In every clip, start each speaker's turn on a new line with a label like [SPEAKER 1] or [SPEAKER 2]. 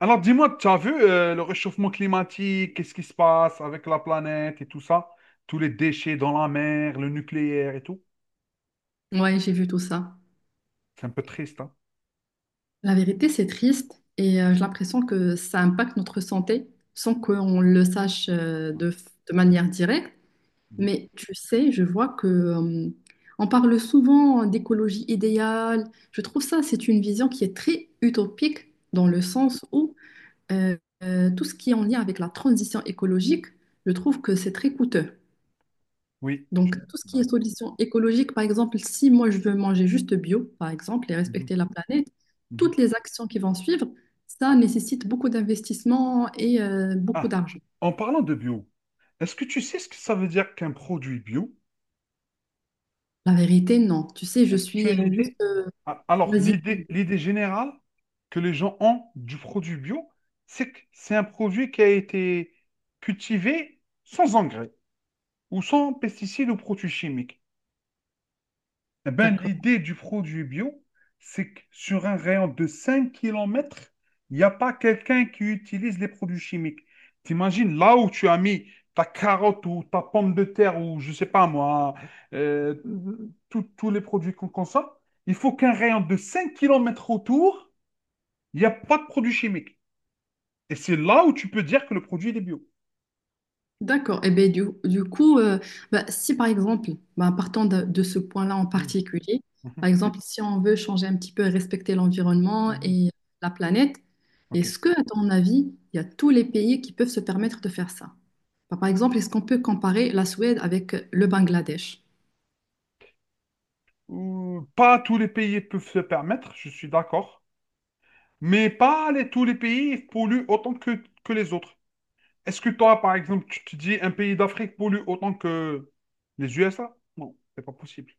[SPEAKER 1] Alors dis-moi, tu as vu le réchauffement climatique, qu'est-ce qui se passe avec la planète et tout ça? Tous les déchets dans la mer, le nucléaire et tout.
[SPEAKER 2] Ouais, j'ai vu tout ça.
[SPEAKER 1] C'est un peu triste, hein?
[SPEAKER 2] La vérité, c'est triste et j'ai l'impression que ça impacte notre santé sans qu'on le sache de manière directe.
[SPEAKER 1] Mhm.
[SPEAKER 2] Mais tu sais, je vois que on parle souvent d'écologie idéale. Je trouve ça, c'est une vision qui est très utopique dans le sens où euh, tout ce qui est en lien avec la transition écologique, je trouve que c'est très coûteux.
[SPEAKER 1] Oui. Je
[SPEAKER 2] Donc,
[SPEAKER 1] suis
[SPEAKER 2] tout ce qui est
[SPEAKER 1] d'accord.
[SPEAKER 2] solution écologique, par exemple, si moi je veux manger juste bio, par exemple, et
[SPEAKER 1] Mhm,
[SPEAKER 2] respecter la planète,
[SPEAKER 1] mhm.
[SPEAKER 2] toutes les actions qui vont suivre, ça nécessite beaucoup d'investissement et beaucoup
[SPEAKER 1] Ah,
[SPEAKER 2] d'argent.
[SPEAKER 1] en parlant de bio, est-ce que tu sais ce que ça veut dire qu'un produit bio?
[SPEAKER 2] La vérité, non. Tu sais, je
[SPEAKER 1] Est-ce que tu
[SPEAKER 2] suis
[SPEAKER 1] as une
[SPEAKER 2] juste...
[SPEAKER 1] idée? Ah, alors,
[SPEAKER 2] Vas-y.
[SPEAKER 1] l'idée, l'idée générale que les gens ont du produit bio, c'est que c'est un produit qui a été cultivé sans engrais ou sans pesticides ou produits chimiques. Eh ben,
[SPEAKER 2] D'accord.
[SPEAKER 1] l'idée du produit bio, c'est que sur un rayon de 5 kilomètres, il n'y a pas quelqu'un qui utilise les produits chimiques. T'imagines, là où tu as mis ta carotte ou ta pomme de terre ou je sais pas moi, euh, tous les produits qu'on consomme, il faut qu'un rayon de 5 kilomètres autour, il n'y a pas de produits chimiques. Et c'est là où tu peux dire que le produit il est bio.
[SPEAKER 2] D'accord. Et ben du coup, bah, si par exemple, bah, partant de ce point-là en
[SPEAKER 1] Mhm,
[SPEAKER 2] particulier,
[SPEAKER 1] mhm,
[SPEAKER 2] par exemple, si on veut changer un petit peu et respecter l'environnement
[SPEAKER 1] mhm.
[SPEAKER 2] et la planète,
[SPEAKER 1] OK.
[SPEAKER 2] est-ce que, à ton avis, il y a tous les pays qui peuvent se permettre de faire ça? Bah, par exemple, est-ce qu'on peut comparer la Suède avec le Bangladesh?
[SPEAKER 1] Ou pas tous les pays peuvent se permettre, je suis d'accord. Mais pas les- tous les pays polluent autant que les autres. Est-ce que toi, par exemple, tu te dis un pays d'Afrique pollue autant que les USA? Non, c'est pas possible.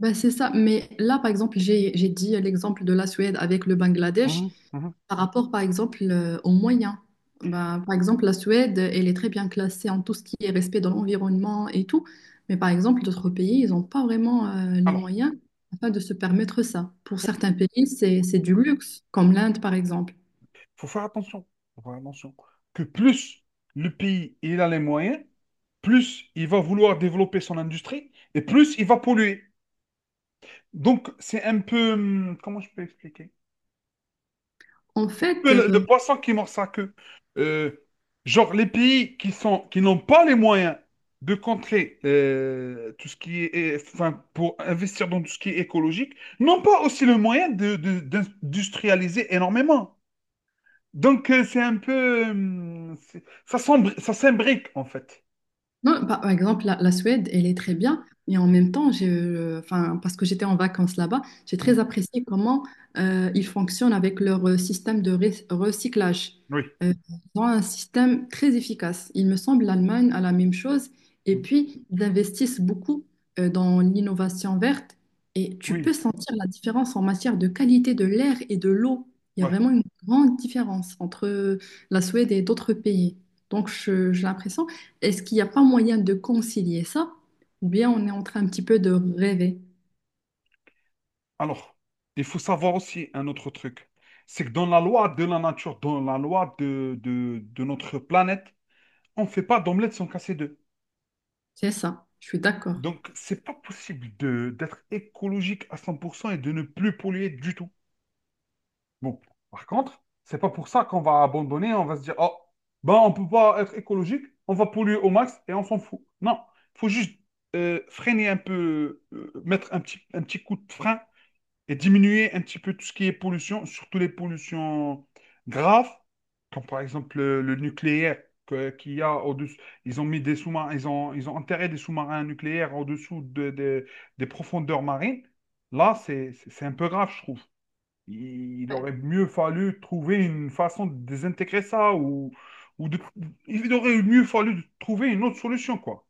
[SPEAKER 2] Ben, c'est ça, mais là, par exemple, j'ai dit l'exemple de la Suède avec le Bangladesh.
[SPEAKER 1] Mhm, mhm.
[SPEAKER 2] Par rapport, par exemple, aux moyens. Ben, par exemple, la Suède, elle est très bien classée en tout ce qui est respect de l'environnement et tout. Mais par exemple, d'autres pays, ils n'ont pas vraiment les
[SPEAKER 1] Alors,
[SPEAKER 2] moyens afin de se permettre ça. Pour
[SPEAKER 1] faut
[SPEAKER 2] certains pays, c'est du luxe, comme l'Inde, par exemple.
[SPEAKER 1] faut faire attention. Faut faire attention. Que plus le pays il a les moyens, plus il va vouloir développer son industrie et plus il va polluer. Donc, c'est un peu. Comment je peux expliquer?
[SPEAKER 2] En fait,
[SPEAKER 1] Peu le poisson qui mord sa queue. Euh, genre les pays qui sont, qui n'ont pas les moyens de contrer tout ce qui est, enfin, pour investir dans tout ce qui est écologique, n'ont pas aussi le moyen d'industrialiser énormément. Donc c'est un peu, ça ça s'imbrique en fait.
[SPEAKER 2] non, par exemple, la Suède, elle est très bien, mais en même temps, je, enfin, parce que j'étais en vacances là-bas, j'ai très
[SPEAKER 1] Mhm.
[SPEAKER 2] apprécié comment ils fonctionnent avec leur système de recyclage.
[SPEAKER 1] Oui,
[SPEAKER 2] Ils ont un système très efficace. Il me semble l'Allemagne a la même chose. Et
[SPEAKER 1] mhm,
[SPEAKER 2] puis, ils investissent beaucoup dans l'innovation verte et tu peux
[SPEAKER 1] oui,
[SPEAKER 2] sentir la différence en matière de qualité de l'air et de l'eau. Il y a
[SPEAKER 1] ouais.
[SPEAKER 2] vraiment une grande différence entre la Suède et d'autres pays. Donc, j'ai l'impression est-ce qu'il n'y a pas moyen de concilier ça? Ou bien on est en train un petit peu de rêver.
[SPEAKER 1] Alors, il faut savoir aussi un autre truc. C'est que dans la loi de la nature, dans la loi de notre planète, on ne fait pas d'omelette sans casser d'œufs.
[SPEAKER 2] C'est ça, je suis d'accord.
[SPEAKER 1] Donc, c'est pas possible de d'être écologique à 100% et de ne plus polluer du tout. Bon, par contre, c'est pas pour ça qu'on va abandonner, on va se dire, oh, ben on peut pas être écologique, on va polluer au max et on s'en fout. Non, il faut juste freiner un peu, mettre un petit coup de frein et diminuer un petit peu tout ce qui est pollution, surtout les pollutions graves, comme par exemple le nucléaire qu'il y a au-dessus. Ils ont mis des sous-marins, ils ont enterré des sous-marins nucléaires au-dessous des profondeurs marines. Là, c'est un peu grave, je trouve. Il aurait mieux fallu trouver une façon de désintégrer ça ou de, il aurait mieux fallu de trouver une autre solution, quoi.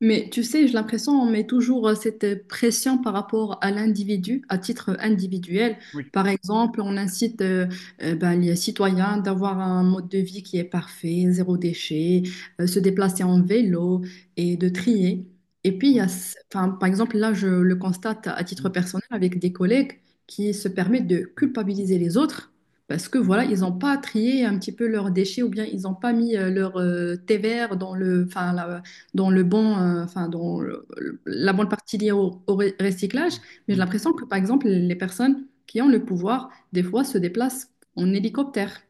[SPEAKER 2] Mais tu sais, j'ai l'impression on met toujours cette pression par rapport à l'individu, à titre individuel.
[SPEAKER 1] Oui.
[SPEAKER 2] Par exemple, on incite ben, les citoyens d'avoir un mode de vie qui est parfait, zéro déchet, se déplacer en vélo et de trier. Et puis, il y
[SPEAKER 1] Mm,
[SPEAKER 2] a, ce- enfin, par exemple, là, je le constate à titre
[SPEAKER 1] mm,
[SPEAKER 2] personnel avec des collègues qui se permettent de culpabiliser les autres parce que voilà, ils n'ont pas trié un petit peu leurs déchets ou bien ils n'ont pas mis leur thé vert dans le, enfin, la- dans le bon, enfin, dans le-
[SPEAKER 1] mm,
[SPEAKER 2] la bonne partie liée au recyclage,
[SPEAKER 1] mm,
[SPEAKER 2] mais j'ai
[SPEAKER 1] mm,
[SPEAKER 2] l'impression que, par exemple, les personnes qui ont le pouvoir, des fois, se déplacent en hélicoptère,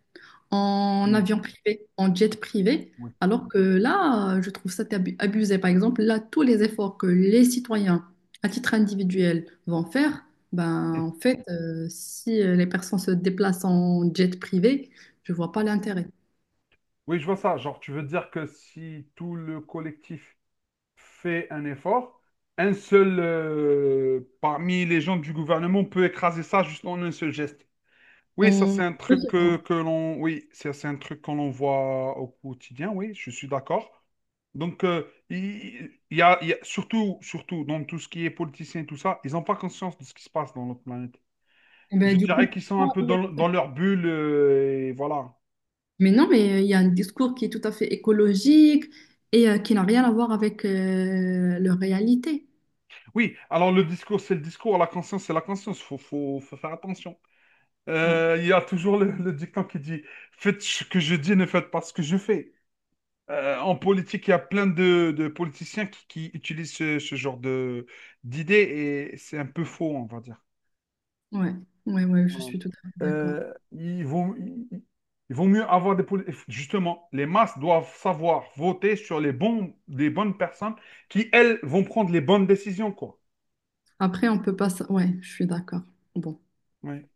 [SPEAKER 1] mm,
[SPEAKER 2] en
[SPEAKER 1] mm,
[SPEAKER 2] avion privé, en jet privé,
[SPEAKER 1] oui.
[SPEAKER 2] alors que là, je trouve ça abusé. Par exemple, là, tous les efforts que les citoyens, à titre individuel, vont faire, ben, en fait, si les personnes se déplacent en jet privé, je vois pas l'intérêt.
[SPEAKER 1] Oui, je vois ça. Genre, tu veux dire que si tout le collectif fait un effort, un seul parmi les gens du gouvernement peut écraser ça juste en un seul geste. Oui, ça c'est
[SPEAKER 2] En
[SPEAKER 1] un truc que l'on, oui, ça, c'est un truc qu'on voit au quotidien. Oui, je suis d'accord. Donc, il y surtout, surtout dans tout ce qui est politicien et tout ça, ils n'ont pas conscience de ce qui se passe dans notre planète.
[SPEAKER 2] Eh
[SPEAKER 1] Je
[SPEAKER 2] ben, du coup,
[SPEAKER 1] dirais qu'ils sont un peu
[SPEAKER 2] pourquoi
[SPEAKER 1] dans leur bulle et voilà.
[SPEAKER 2] mais non, mais il y a un discours qui est tout à fait écologique et qui n'a rien à voir avec leur réalité.
[SPEAKER 1] Oui, alors le discours, c'est le discours, la conscience, c'est la conscience. Faut faire attention.
[SPEAKER 2] Ouais.
[SPEAKER 1] Il y a toujours le dicton qui dit, faites ce que je dis, ne faites pas ce que je fais. En politique, il y a plein de politiciens qui utilisent ce genre de d'idées et c'est un peu faux, on va dire.
[SPEAKER 2] Ouais, ouais, ouais, je suis tout à fait d'accord.
[SPEAKER 1] Euh, ils vont, ils, ils vont mieux avoir des politiques. Justement, les masses doivent savoir voter sur les bonnes personnes qui, elles, vont prendre les bonnes décisions, quoi.
[SPEAKER 2] Après, on peut pas... s- Ouais, je suis d'accord. Bon,
[SPEAKER 1] Oui.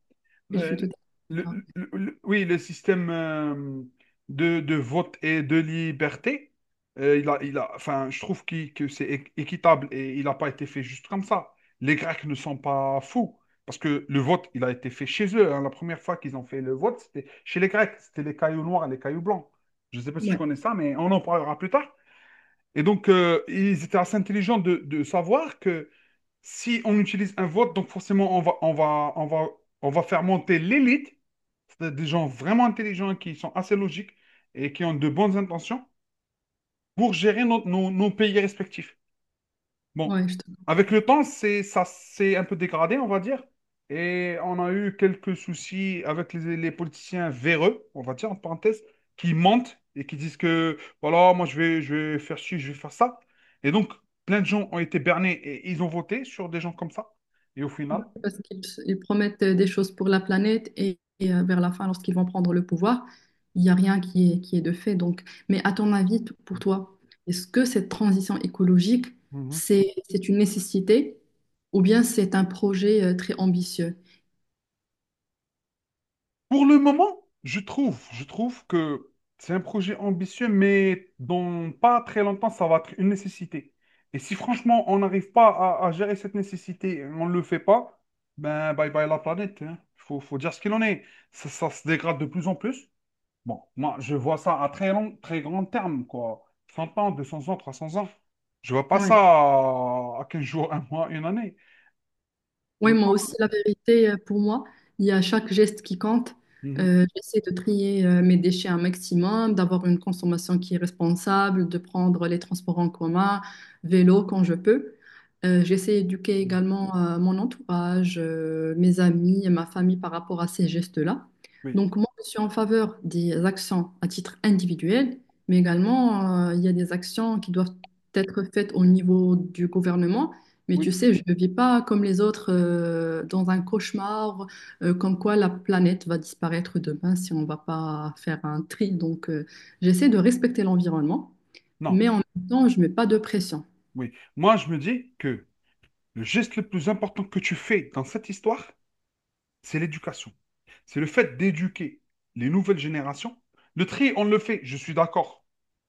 [SPEAKER 2] je suis tout à
[SPEAKER 1] Le-
[SPEAKER 2] fait d'accord.
[SPEAKER 1] oui, le système de vote et de liberté, il a, enfin, je trouve que c'est équitable et il n'a pas été fait juste comme ça. Les Grecs ne sont pas fous parce que le vote, il a été fait chez eux, hein. La première fois qu'ils ont fait le vote, c'était chez les Grecs. C'était les cailloux noirs et les cailloux blancs. Je ne sais pas si tu
[SPEAKER 2] Ouais,
[SPEAKER 1] connais ça, mais on en parlera plus tard. Et donc, ils étaient assez intelligents de savoir que si on utilise un vote, donc forcément, on va faire monter l'élite, c'est des gens vraiment intelligents qui sont assez logiques et qui ont de bonnes intentions pour gérer nos pays respectifs. Bon,
[SPEAKER 2] ouais, je te
[SPEAKER 1] avec le temps, ça s'est un peu dégradé, on va dire. Et on a eu quelques soucis avec les politiciens véreux, on va dire, en parenthèse, qui mentent et qui disent que, voilà, moi je vais faire ci, je vais faire ça. Et donc, plein de gens ont été bernés et ils ont voté sur des gens comme ça. Et au
[SPEAKER 2] bah,
[SPEAKER 1] final,
[SPEAKER 2] parce qu'ils promettent des choses pour la planète vers la fin, lorsqu'ils vont prendre le pouvoir, il n'y a rien qui est, qui est de fait. Donc, mais à ton avis, t- pour toi, est-ce que cette transition écologique, c'est une nécessité ou bien c'est un projet très ambitieux?
[SPEAKER 1] pour le moment, je trouve que c'est un projet ambitieux, mais dans pas très longtemps, ça va être une nécessité. Et si franchement, on n'arrive pas à gérer cette nécessité, on ne le fait pas, ben bye bye la planète. Il Faut, faut dire ce qu'il en est. Ça se dégrade de plus en plus. Bon, moi, je vois ça à très long, très grand terme, quoi. 100 ans, 200 ans, 300 ans. Je vois pas
[SPEAKER 2] Ouais.
[SPEAKER 1] ça à 15 jours, un mois, une année.
[SPEAKER 2] Oui,
[SPEAKER 1] Donc,
[SPEAKER 2] moi aussi,
[SPEAKER 1] voilà.
[SPEAKER 2] la vérité, pour moi, il y a chaque geste qui compte.
[SPEAKER 1] Mhm.
[SPEAKER 2] J'essaie de trier mes déchets un maximum, d'avoir une consommation qui est responsable, de prendre les transports en commun, vélo quand je peux. J'essaie d'éduquer également mon entourage, mes amis et ma famille par rapport à ces gestes-là.
[SPEAKER 1] Oui,
[SPEAKER 2] Donc, moi, je suis en faveur des actions à titre individuel, mais également, il y a des actions qui doivent être faites au niveau du gouvernement, mais
[SPEAKER 1] oui,
[SPEAKER 2] tu sais, je ne vis pas comme les autres dans un cauchemar, comme quoi la planète va disparaître demain si on ne va pas faire un tri. Donc, j'essaie de respecter l'environnement,
[SPEAKER 1] non,
[SPEAKER 2] mais en même temps, je ne mets pas de pression.
[SPEAKER 1] oui. Moi, je me dis que le geste le plus important que tu fais dans cette histoire, c'est l'éducation. C'est le fait d'éduquer les nouvelles générations. Le tri, on le fait, je suis d'accord.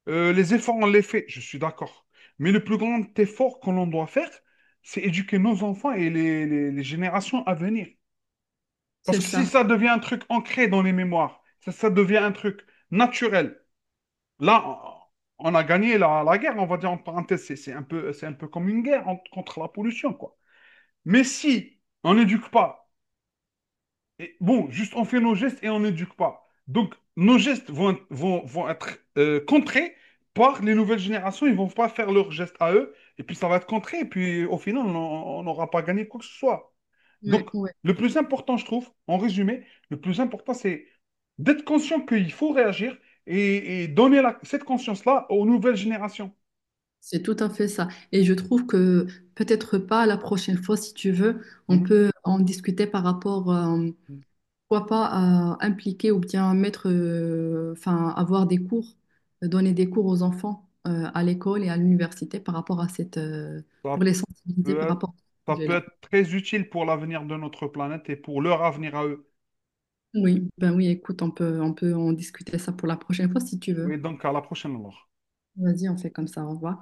[SPEAKER 1] Les efforts, on les fait, je suis d'accord. Mais le plus grand effort que l'on doit faire, c'est éduquer nos enfants et les générations à venir. Parce
[SPEAKER 2] C'est
[SPEAKER 1] que si
[SPEAKER 2] ça.
[SPEAKER 1] ça devient un truc ancré dans les mémoires, ça devient un truc naturel, là, on a gagné la guerre, on va dire en parenthèse, c'est un peu comme une guerre contre la pollution, quoi. Mais si on n'éduque pas, et bon, juste on fait nos gestes et on n'éduque pas. Donc, nos gestes vont, vont, vont être contrés par les nouvelles générations. Ils ne vont pas faire leurs gestes à eux. Et puis, ça va être contré. Et puis, au final, on n'aura pas gagné quoi que ce soit.
[SPEAKER 2] Ouais,
[SPEAKER 1] Donc,
[SPEAKER 2] ouais.
[SPEAKER 1] le plus important, je trouve, en résumé, le plus important, c'est d'être conscient qu'il faut réagir et donner cette conscience-là aux nouvelles générations.
[SPEAKER 2] C'est tout à fait ça. Et je trouve que peut-être pas la prochaine fois, si tu veux, on
[SPEAKER 1] Mhm.
[SPEAKER 2] peut en discuter par rapport pourquoi pas impliquer ou bien mettre, enfin, avoir des cours, donner des cours aux enfants à l'école et à l'université par rapport à cette, pour
[SPEAKER 1] Ça
[SPEAKER 2] les sensibiliser
[SPEAKER 1] peut
[SPEAKER 2] par
[SPEAKER 1] être,
[SPEAKER 2] rapport à ce
[SPEAKER 1] ça peut
[SPEAKER 2] projet-là.
[SPEAKER 1] être très utile pour l'avenir de notre planète et pour leur avenir à eux.
[SPEAKER 2] Oui, ben oui, écoute, on peut en discuter ça pour la prochaine fois si tu veux.
[SPEAKER 1] Et donc, à la prochaine alors.
[SPEAKER 2] Vas-y, on fait comme ça, au revoir.